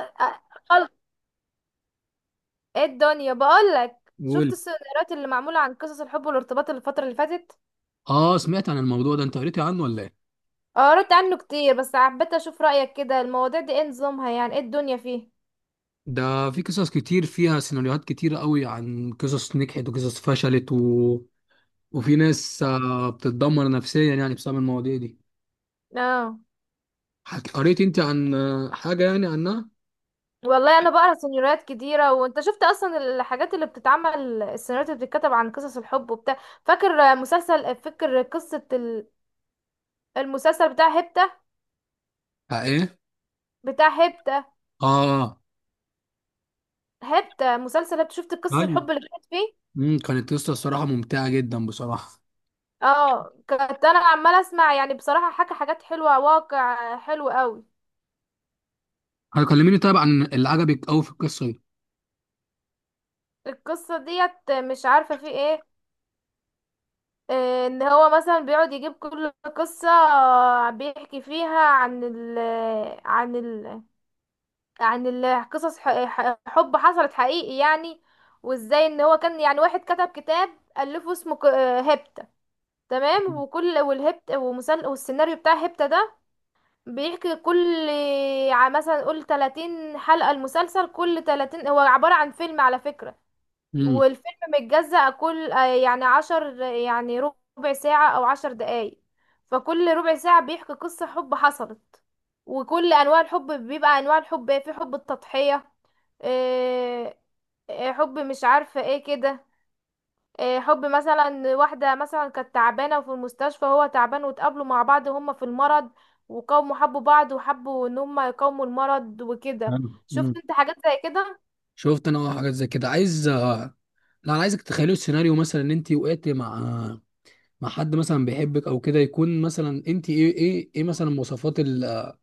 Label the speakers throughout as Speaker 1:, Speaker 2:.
Speaker 1: أ- خلق ايه الدنيا، بقول لك شفت
Speaker 2: قول.
Speaker 1: السيناريوهات اللي معمولة عن قصص الحب والارتباط الفترة اللي فاتت.
Speaker 2: اه، سمعت عن الموضوع ده. انت قريت عنه ولا ايه؟
Speaker 1: آه، قريت عنه كتير بس حبيت اشوف رأيك، كده المواضيع دي ايه نظامها، يعني ايه الدنيا فيه.
Speaker 2: ده في قصص كتير فيها سيناريوهات كتيرة قوي عن قصص نجحت وقصص فشلت وفي ناس بتتدمر نفسيا، يعني بسبب المواضيع دي.
Speaker 1: اه
Speaker 2: قريت انت عن حاجة يعني عنها؟
Speaker 1: والله انا بقرا سيناريوهات كتيرة، وانت شفت اصلا الحاجات اللي بتتعمل، السيناريوهات اللي بتتكتب عن قصص الحب وبتاع. فاكر مسلسل فاكر قصة ال- المسلسل بتاع هبتة،
Speaker 2: آه، ايه.
Speaker 1: بتاع هبتة،
Speaker 2: اه.
Speaker 1: هبتة مسلسل هبتة، شفت قصص
Speaker 2: ايوه.
Speaker 1: الحب اللي كانت فيه؟
Speaker 2: كانت قصة الصراحة ممتعة جدا بصراحة.
Speaker 1: اه كنت انا عماله اسمع، يعني بصراحه حكى حاجات حلوه، واقع حلو قوي.
Speaker 2: هتكلميني طيب عن اللي عجبك قوي في القصة دي؟
Speaker 1: القصه ديت مش عارفه في ايه، ان هو مثلا بيقعد يجيب كل قصه، بيحكي فيها عن عن ال قصص حب حصلت حقيقي يعني. وازاي ان هو كان، يعني واحد كتب كتاب الفه اسمه هيبتا. تمام، وكل والهبت ومسل والسيناريو بتاع هيبتا ده بيحكي كل مثلا قول 30 حلقة، المسلسل كل 30 هو عبارة عن فيلم على فكرة.
Speaker 2: امم.
Speaker 1: والفيلم متجزأ كل يعني عشر يعني ربع ساعة أو 10 دقايق. فكل ربع ساعة بيحكي قصة حب حصلت، وكل أنواع الحب، بيبقى أنواع الحب إيه، في حب التضحية، إيه، إيه، حب مش عارفة ايه كده، إيه، حب مثلا واحدة مثلا كانت تعبانة وفي المستشفى، هو تعبان واتقابلوا مع بعض هما في المرض، وقاموا حبوا بعض وحبوا ان هما يقاوموا المرض وكده.
Speaker 2: حلو. امم.
Speaker 1: شفت انت حاجات زي كده؟
Speaker 2: شفت انا حاجات زي كده. عايز لا، انا عايزك تخيلوا السيناريو مثلا، ان انت وقعت مع حد مثلا بيحبك او كده. يكون مثلا انت ايه ايه ايه مثلا مواصفات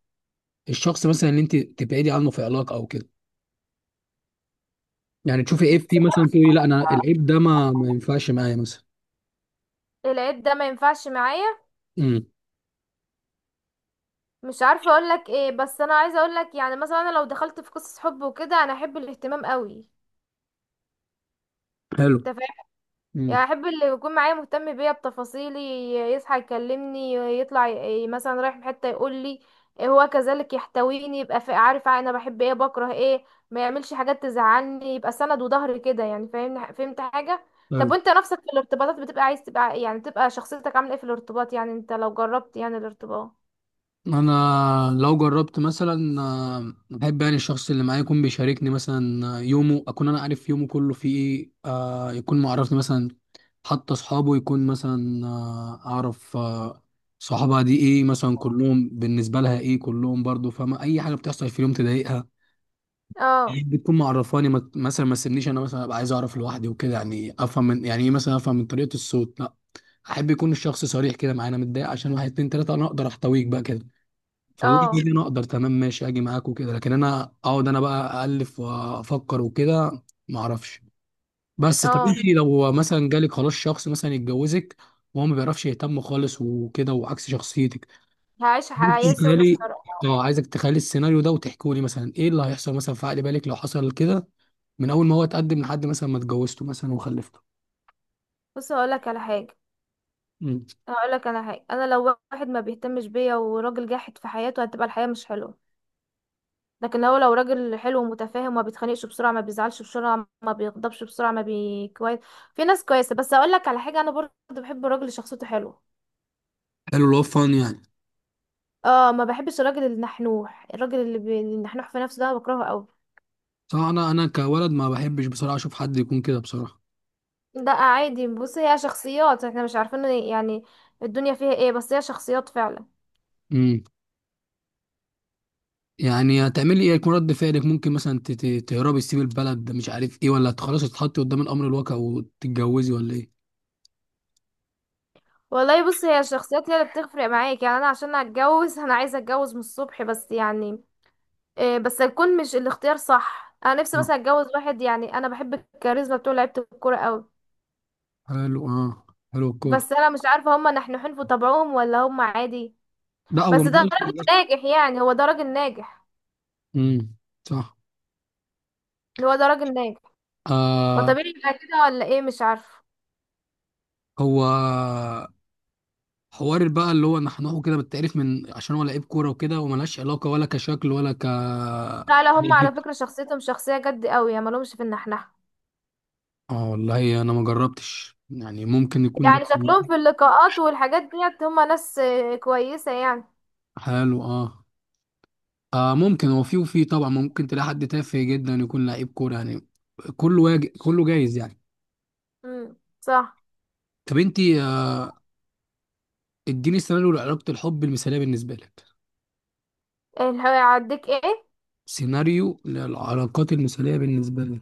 Speaker 2: الشخص مثلا اللي انت تبعدي عنه في علاقه او كده. يعني تشوفي
Speaker 1: ما
Speaker 2: عيب فيه، مثلا تقولي
Speaker 1: حصلتش؟
Speaker 2: لا، انا العيب ده ما ينفعش معايا مثلا.
Speaker 1: العيب ده ما ينفعش معايا.
Speaker 2: امم.
Speaker 1: مش عارفة اقولك ايه، بس انا عايزة اقولك، يعني مثلا انا لو دخلت في قصص حب وكده، انا احب الاهتمام قوي.
Speaker 2: حلو.
Speaker 1: انت،
Speaker 2: امم.
Speaker 1: يعني احب اللي يكون معايا مهتم بيا بتفاصيلي، يصحى يكلمني، يطلع مثلا رايح في حتة يقول لي، هو كذلك يحتويني، يبقى عارف انا بحب ايه بكره ايه، ما يعملش حاجات تزعلني، يبقى سند وظهر كده، يعني فاهمني، فهمت حاجة؟
Speaker 2: حلو.
Speaker 1: طب وانت نفسك في الارتباطات بتبقى عايز تبقى، يعني تبقى شخصيتك عاملة ايه في الارتباط، يعني انت لو جربت يعني الارتباط.
Speaker 2: انا لو جربت مثلا، بحب يعني الشخص اللي معايا يكون بيشاركني مثلا يومه، اكون انا عارف يومه كله فيه ايه. يكون معرفني مثلا حتى اصحابه. يكون مثلا اعرف صحابها دي ايه، مثلا كلهم بالنسبه لها ايه، كلهم برضو فاهمه اي حاجه بتحصل في اليوم تضايقها.
Speaker 1: اه
Speaker 2: بتكون معرفاني، مثلا ما تسيبنيش انا، مثلا ابقى عايز اعرف لوحدي وكده. يعني افهم من، يعني ايه، مثلا افهم من طريقه الصوت. لا، احب يكون الشخص صريح كده معايا. انا متضايق عشان واحد اتنين تلاته، انا اقدر احتويك بقى كده. فاللحظه دي
Speaker 1: اه
Speaker 2: انا اقدر، تمام ماشي اجي معاك وكده. لكن انا اقعد انا بقى الف وافكر وكده، ما اعرفش. بس طب،
Speaker 1: اه.
Speaker 2: انت لو مثلا جالك خلاص شخص مثلا يتجوزك، وهو ما بيعرفش يهتم خالص وكده، وعكس شخصيتك؟
Speaker 1: هعيش
Speaker 2: انت
Speaker 1: حياة سودة
Speaker 2: تخيلي.
Speaker 1: الصراحة.
Speaker 2: اه، عايزك تخيلي السيناريو ده، وتحكوا لي مثلا ايه اللي هيحصل مثلا في عقل بالك لو حصل كده، من اول ما هو اتقدم لحد مثلا ما اتجوزته مثلا وخلفته.
Speaker 1: بص هقولك على حاجة،
Speaker 2: مم.
Speaker 1: انا لو واحد ما بيهتمش بيا وراجل جاحد في حياته، هتبقى الحياة مش حلوة. لكن هو لو راجل حلو ومتفاهم، ما بيتخانقش بسرعة، ما بيزعلش بسرعة، ما بيغضبش بسرعة، ما بي كويس، في ناس كويسة. بس اقول لك على حاجة، انا برضه بحب الراجل اللي شخصيته حلوة.
Speaker 2: حلو، اللي هو فان يعني؟
Speaker 1: اه، ما بحبش الراجل النحنوح، الراجل اللي النحنوح في نفسه ده أنا بكرهه قوي.
Speaker 2: صح. انا كولد ما بحبش بصراحه اشوف حد يكون كده بصراحه.
Speaker 1: ده عادي، بص هي شخصيات احنا مش عارفين يعني الدنيا فيها ايه، بس هي شخصيات فعلا.
Speaker 2: مم. يعني هتعملي ايه؟ هيكون رد فعلك ممكن مثلا تهربي، تسيبي البلد، مش عارف ايه، ولا خلاص تتحطي قدام الامر الواقع وتتجوزي، ولا ايه؟
Speaker 1: والله بص هي الشخصيات هي اللي بتفرق معاك، يعني انا عشان اتجوز انا عايزه اتجوز من الصبح، بس يعني إيه، بس يكون مش الاختيار صح. انا نفسي
Speaker 2: نعم.
Speaker 1: مثلا اتجوز واحد، يعني انا بحب الكاريزما بتوع لعيبه الكوره قوي.
Speaker 2: حلو. اه. حلو، الكورة.
Speaker 1: بس انا مش عارفه هما نحنحين في طبعهم ولا هما عادي.
Speaker 2: لا، هو
Speaker 1: بس ده راجل
Speaker 2: مبقاش.
Speaker 1: ناجح، يعني هو ده راجل ناجح،
Speaker 2: امم. صح.
Speaker 1: هو ده راجل ناجح،
Speaker 2: آه.
Speaker 1: فطبيعي يبقى كده ولا ايه؟ مش عارفه.
Speaker 2: هو، حوار بقى اللي هو نحنحه كده، بالتعريف، من عشان هو لعيب كورة وكده، وملهاش علاقة، ولا كشكل ولا
Speaker 1: لا لا، هما على فكره شخصيتهم شخصيه جد قوي، يعني مالهمش في النحنحه.
Speaker 2: اه والله، انا ما جربتش يعني، ممكن يكون.
Speaker 1: يعني شكلهم في اللقاءات والحاجات ديت هما ناس كويسه يعني.
Speaker 2: حلو. اه. آه، ممكن. هو في وفي طبعا ممكن تلاقي حد تافه جدا يكون لعيب كوره يعني. كله كله جايز يعني.
Speaker 1: امم، صح.
Speaker 2: طب انت اديني سيناريو لعلاقه الحب المثاليه بالنسبه لك.
Speaker 1: اللي هيعديك ايه؟
Speaker 2: سيناريو للعلاقات المثاليه بالنسبه لك.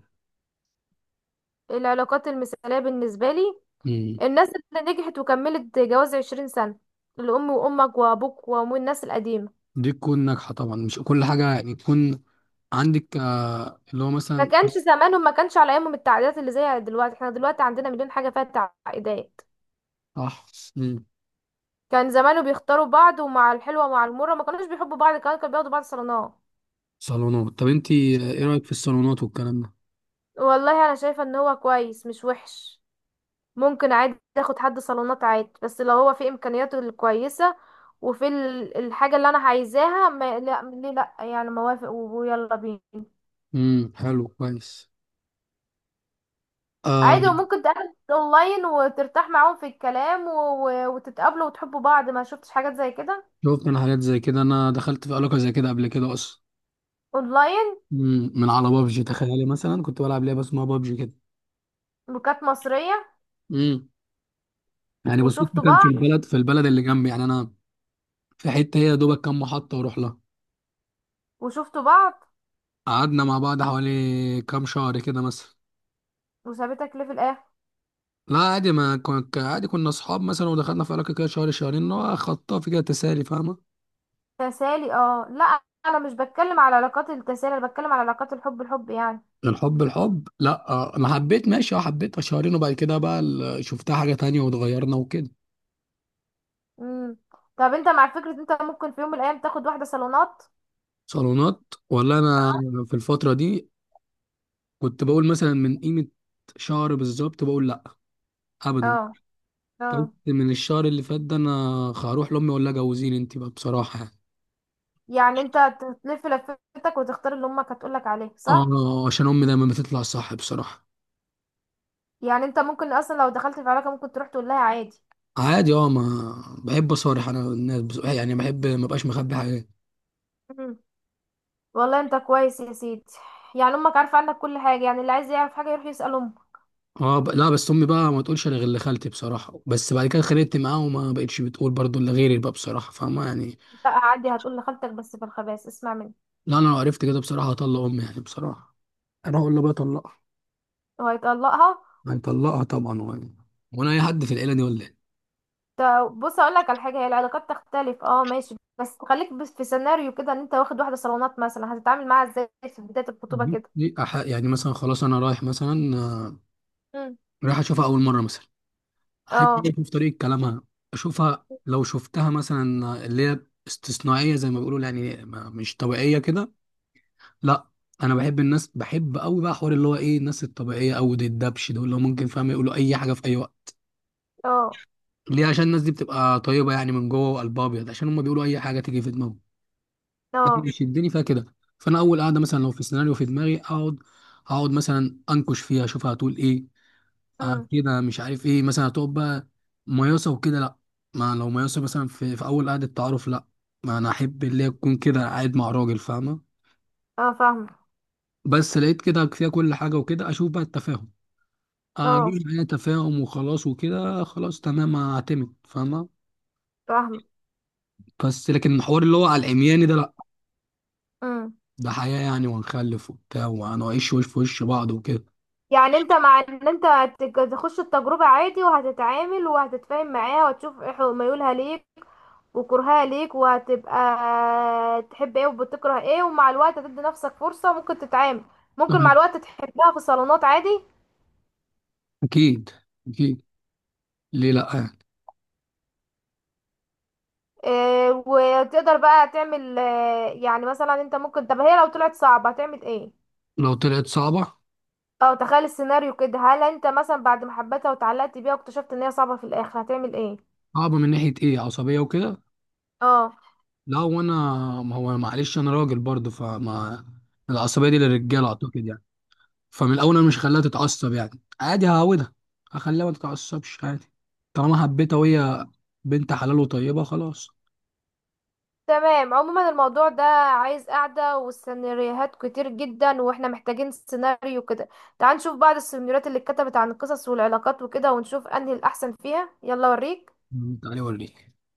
Speaker 1: العلاقات المثاليه بالنسبه لي
Speaker 2: امم.
Speaker 1: الناس اللي نجحت وكملت جواز 20 سنة، الأم وأمك وأبوك وأمو الناس القديمة.
Speaker 2: دي تكون ناجحه طبعا. مش كل حاجه يعني تكون عندك، اللي هو
Speaker 1: ما
Speaker 2: مثلا.
Speaker 1: كانش زمانهم، ما كانش على أيامهم التعقيدات اللي زي دلوقتي، احنا دلوقتي عندنا مليون حاجة فيها تعقيدات.
Speaker 2: صح. امم.
Speaker 1: كان زمانه بيختاروا بعض، ومع الحلوة ومع المرة ما كانوش بيحبوا بعض كمان، كانوا بياخدوا بعض صالونات.
Speaker 2: صالونات. طب انت ايه رايك في الصالونات والكلام ده؟
Speaker 1: والله أنا شايفة إن هو كويس، مش وحش. ممكن عادي تاخد حد صالونات عادي، بس لو هو في إمكانياته الكويسة، وفي الحاجة اللي أنا عايزاها، ما لا ليه لأ، يعني موافق ويلا بينا.
Speaker 2: امم. حلو، كويس. آه.
Speaker 1: عادي، وممكن تقابل اونلاين وترتاح معاهم في الكلام و... و... وتتقابلوا وتحبوا بعض. ما شفتش حاجات زي كده؟
Speaker 2: شفت انا حاجات زي كده. انا دخلت في علاقه زي كده قبل كده اصلا.
Speaker 1: اونلاين،
Speaker 2: مم. من على بابجي، تخيلي، مثلا كنت بلعب لعبه اسمها بابجي كده.
Speaker 1: وكانت مصرية،
Speaker 2: امم. يعني بالصدفه،
Speaker 1: وشفتوا
Speaker 2: كان
Speaker 1: بعض،
Speaker 2: في البلد اللي جنبي يعني. انا في حته هي يا دوبك كام محطه واروح لها.
Speaker 1: وشفتوا بعض،
Speaker 2: قعدنا مع بعض حوالي كام شهر كده مثلا.
Speaker 1: وسابتك ليه في الاخر؟
Speaker 2: لا، عادي، ما كنت عادي. كنا اصحاب مثلا، ودخلنا في علاقه كده شهر شهرين، اللي هو خطاف كده، تسالي. فاهمه؟
Speaker 1: تسالي؟ اه لا، انا مش بتكلم على علاقات التسالي، انا بتكلم على علاقات الحب، الحب يعني.
Speaker 2: الحب الحب، لا. انا حبيت، ماشي. اه، حبيتها شهرين، وبعد كده بقى شفتها حاجه تانية واتغيرنا وكده.
Speaker 1: امم. طب انت مع فكرة انت ممكن في يوم من الايام تاخد واحدة صالونات؟
Speaker 2: صالونات ولا؟ انا في الفتره دي كنت بقول مثلا من قيمه شهر بالظبط، بقول لا، ابدا.
Speaker 1: اه.
Speaker 2: طب
Speaker 1: اه.
Speaker 2: من الشهر اللي فات ده، انا هروح لامي اقول لها جوزيني انت بقى بصراحه يعني.
Speaker 1: يعني انت تلف لفتك وتختار اللي امك هتقولك عليه، صح؟
Speaker 2: اه، عشان امي دايما بتطلع صح بصراحه.
Speaker 1: يعني انت ممكن اصلا لو دخلت في علاقة ممكن تروح تقول لها عادي.
Speaker 2: عادي. اه، ما بحب اصارح انا الناس، يعني بحب ما بقاش مخبي حاجات.
Speaker 1: مم. والله انت كويس يا سيدي، يعني امك عارفه عنك كل حاجه، يعني اللي عايز يعرف حاجه يروح يسال امك.
Speaker 2: اه، لا، بس امي بقى ما تقولش الا غير لخالتي بصراحه، بس بعد كده خليت معاها وما بقتش بتقول برضو الا غيري بقى بصراحه، فاهمه يعني؟
Speaker 1: لا عادي هتقول لخالتك، بس في الخباز اسمع مني.
Speaker 2: لا، انا لو عرفت كده بصراحه، هطلق امي يعني بصراحه. انا اقول له بقى طلقها.
Speaker 1: وهيطلقها؟
Speaker 2: هنطلقها طبعا. وانا اي حد في العيله دي، ولا ايه؟
Speaker 1: ط- بص اقول لك على حاجه، هي العلاقات تختلف اه ماشي، بس خليك بس في سيناريو كده، ان انت واخد واحده صالونات مثلا، هتتعامل معاها ازاي في بدايه الخطوبه كده؟
Speaker 2: دي يعني مثلا خلاص، انا رايح مثلا
Speaker 1: مم.
Speaker 2: رايح اشوفها اول مره مثلا. احب
Speaker 1: اه.
Speaker 2: اشوف طريقه كلامها. اشوفها، لو شفتها مثلا اللي هي استثنائيه زي ما بيقولوا، يعني مش طبيعيه كده، لا. انا بحب الناس، بحب قوي بقى، حوار اللي هو ايه، الناس الطبيعيه، او دي الدبش دول اللي هو ممكن، فاهم، يقولوا اي حاجه في اي وقت.
Speaker 1: اه.
Speaker 2: ليه؟ عشان الناس دي بتبقى طيبه يعني من جوه، وقلبها ابيض، عشان هم بيقولوا اي حاجه تيجي في دماغهم. أنا
Speaker 1: اه.
Speaker 2: بيشدني فيها كده. فانا اول قاعده، مثلا لو في سيناريو في دماغي، اقعد مثلا انكش فيها، اشوفها هتقول ايه.
Speaker 1: امم.
Speaker 2: كده، مش عارف ايه، مثلا هتقف بقى مياسة وكده، لا. ما لو مياسة مثلا في اول قعدة تعارف، لا. ما انا احب اللي هي تكون كده قاعد مع راجل، فاهمة؟
Speaker 1: اه فاهمه.
Speaker 2: بس لقيت كده فيها كل حاجة وكده، اشوف بقى التفاهم. اجيب
Speaker 1: اه
Speaker 2: معايا تفاهم وخلاص وكده، خلاص تمام هعتمد، فاهمة؟
Speaker 1: فاهمه.
Speaker 2: بس لكن الحوار اللي هو على العمياني ده، لا.
Speaker 1: امم.
Speaker 2: ده حياة يعني، وهنخلف وبتاع، وهنعيش وش في وش بعض وكده.
Speaker 1: يعني انت مع ان انت تخش التجربة عادي، وهتتعامل وهتتفاهم معاها وتشوف ايه ميولها ليك وكرهها ليك، وهتبقى تحب ايه وبتكره ايه، ومع الوقت هتدي نفسك فرصة ممكن تتعامل، ممكن مع
Speaker 2: أه.
Speaker 1: الوقت تحبها في الصالونات عادي.
Speaker 2: اكيد. اكيد. ليه لا يعني؟
Speaker 1: وتقدر بقى تعمل، يعني مثلا انت ممكن، طب هي لو طلعت صعبة هتعمل ايه؟
Speaker 2: لو طلعت صعبة،
Speaker 1: او تخيل السيناريو كده، هل انت مثلا بعد ما حبيتها وتعلقت بيها واكتشفت ان هي صعبة في الاخر هتعمل ايه؟
Speaker 2: صعبة من ناحية ايه؟ عصبية وكده.
Speaker 1: اه.
Speaker 2: لا، وانا، ما هو معلش، انا راجل برضه، فما العصبيه دي للرجاله اعتقد يعني. فمن الاول، انا مش خلاها تتعصب يعني، عادي هعودها، هخليها ما تتعصبش عادي. طالما حبيتها وهي بنت حلال وطيبه، خلاص.
Speaker 1: تمام، عموما الموضوع ده عايز قعدة، والسيناريوهات كتير جدا، واحنا محتاجين سيناريو كده. تعال نشوف بعض السيناريوهات اللي اتكتبت عن القصص والعلاقات وكده، ونشوف انهي الاحسن فيها، يلا اوريك.
Speaker 2: تعالي وريني.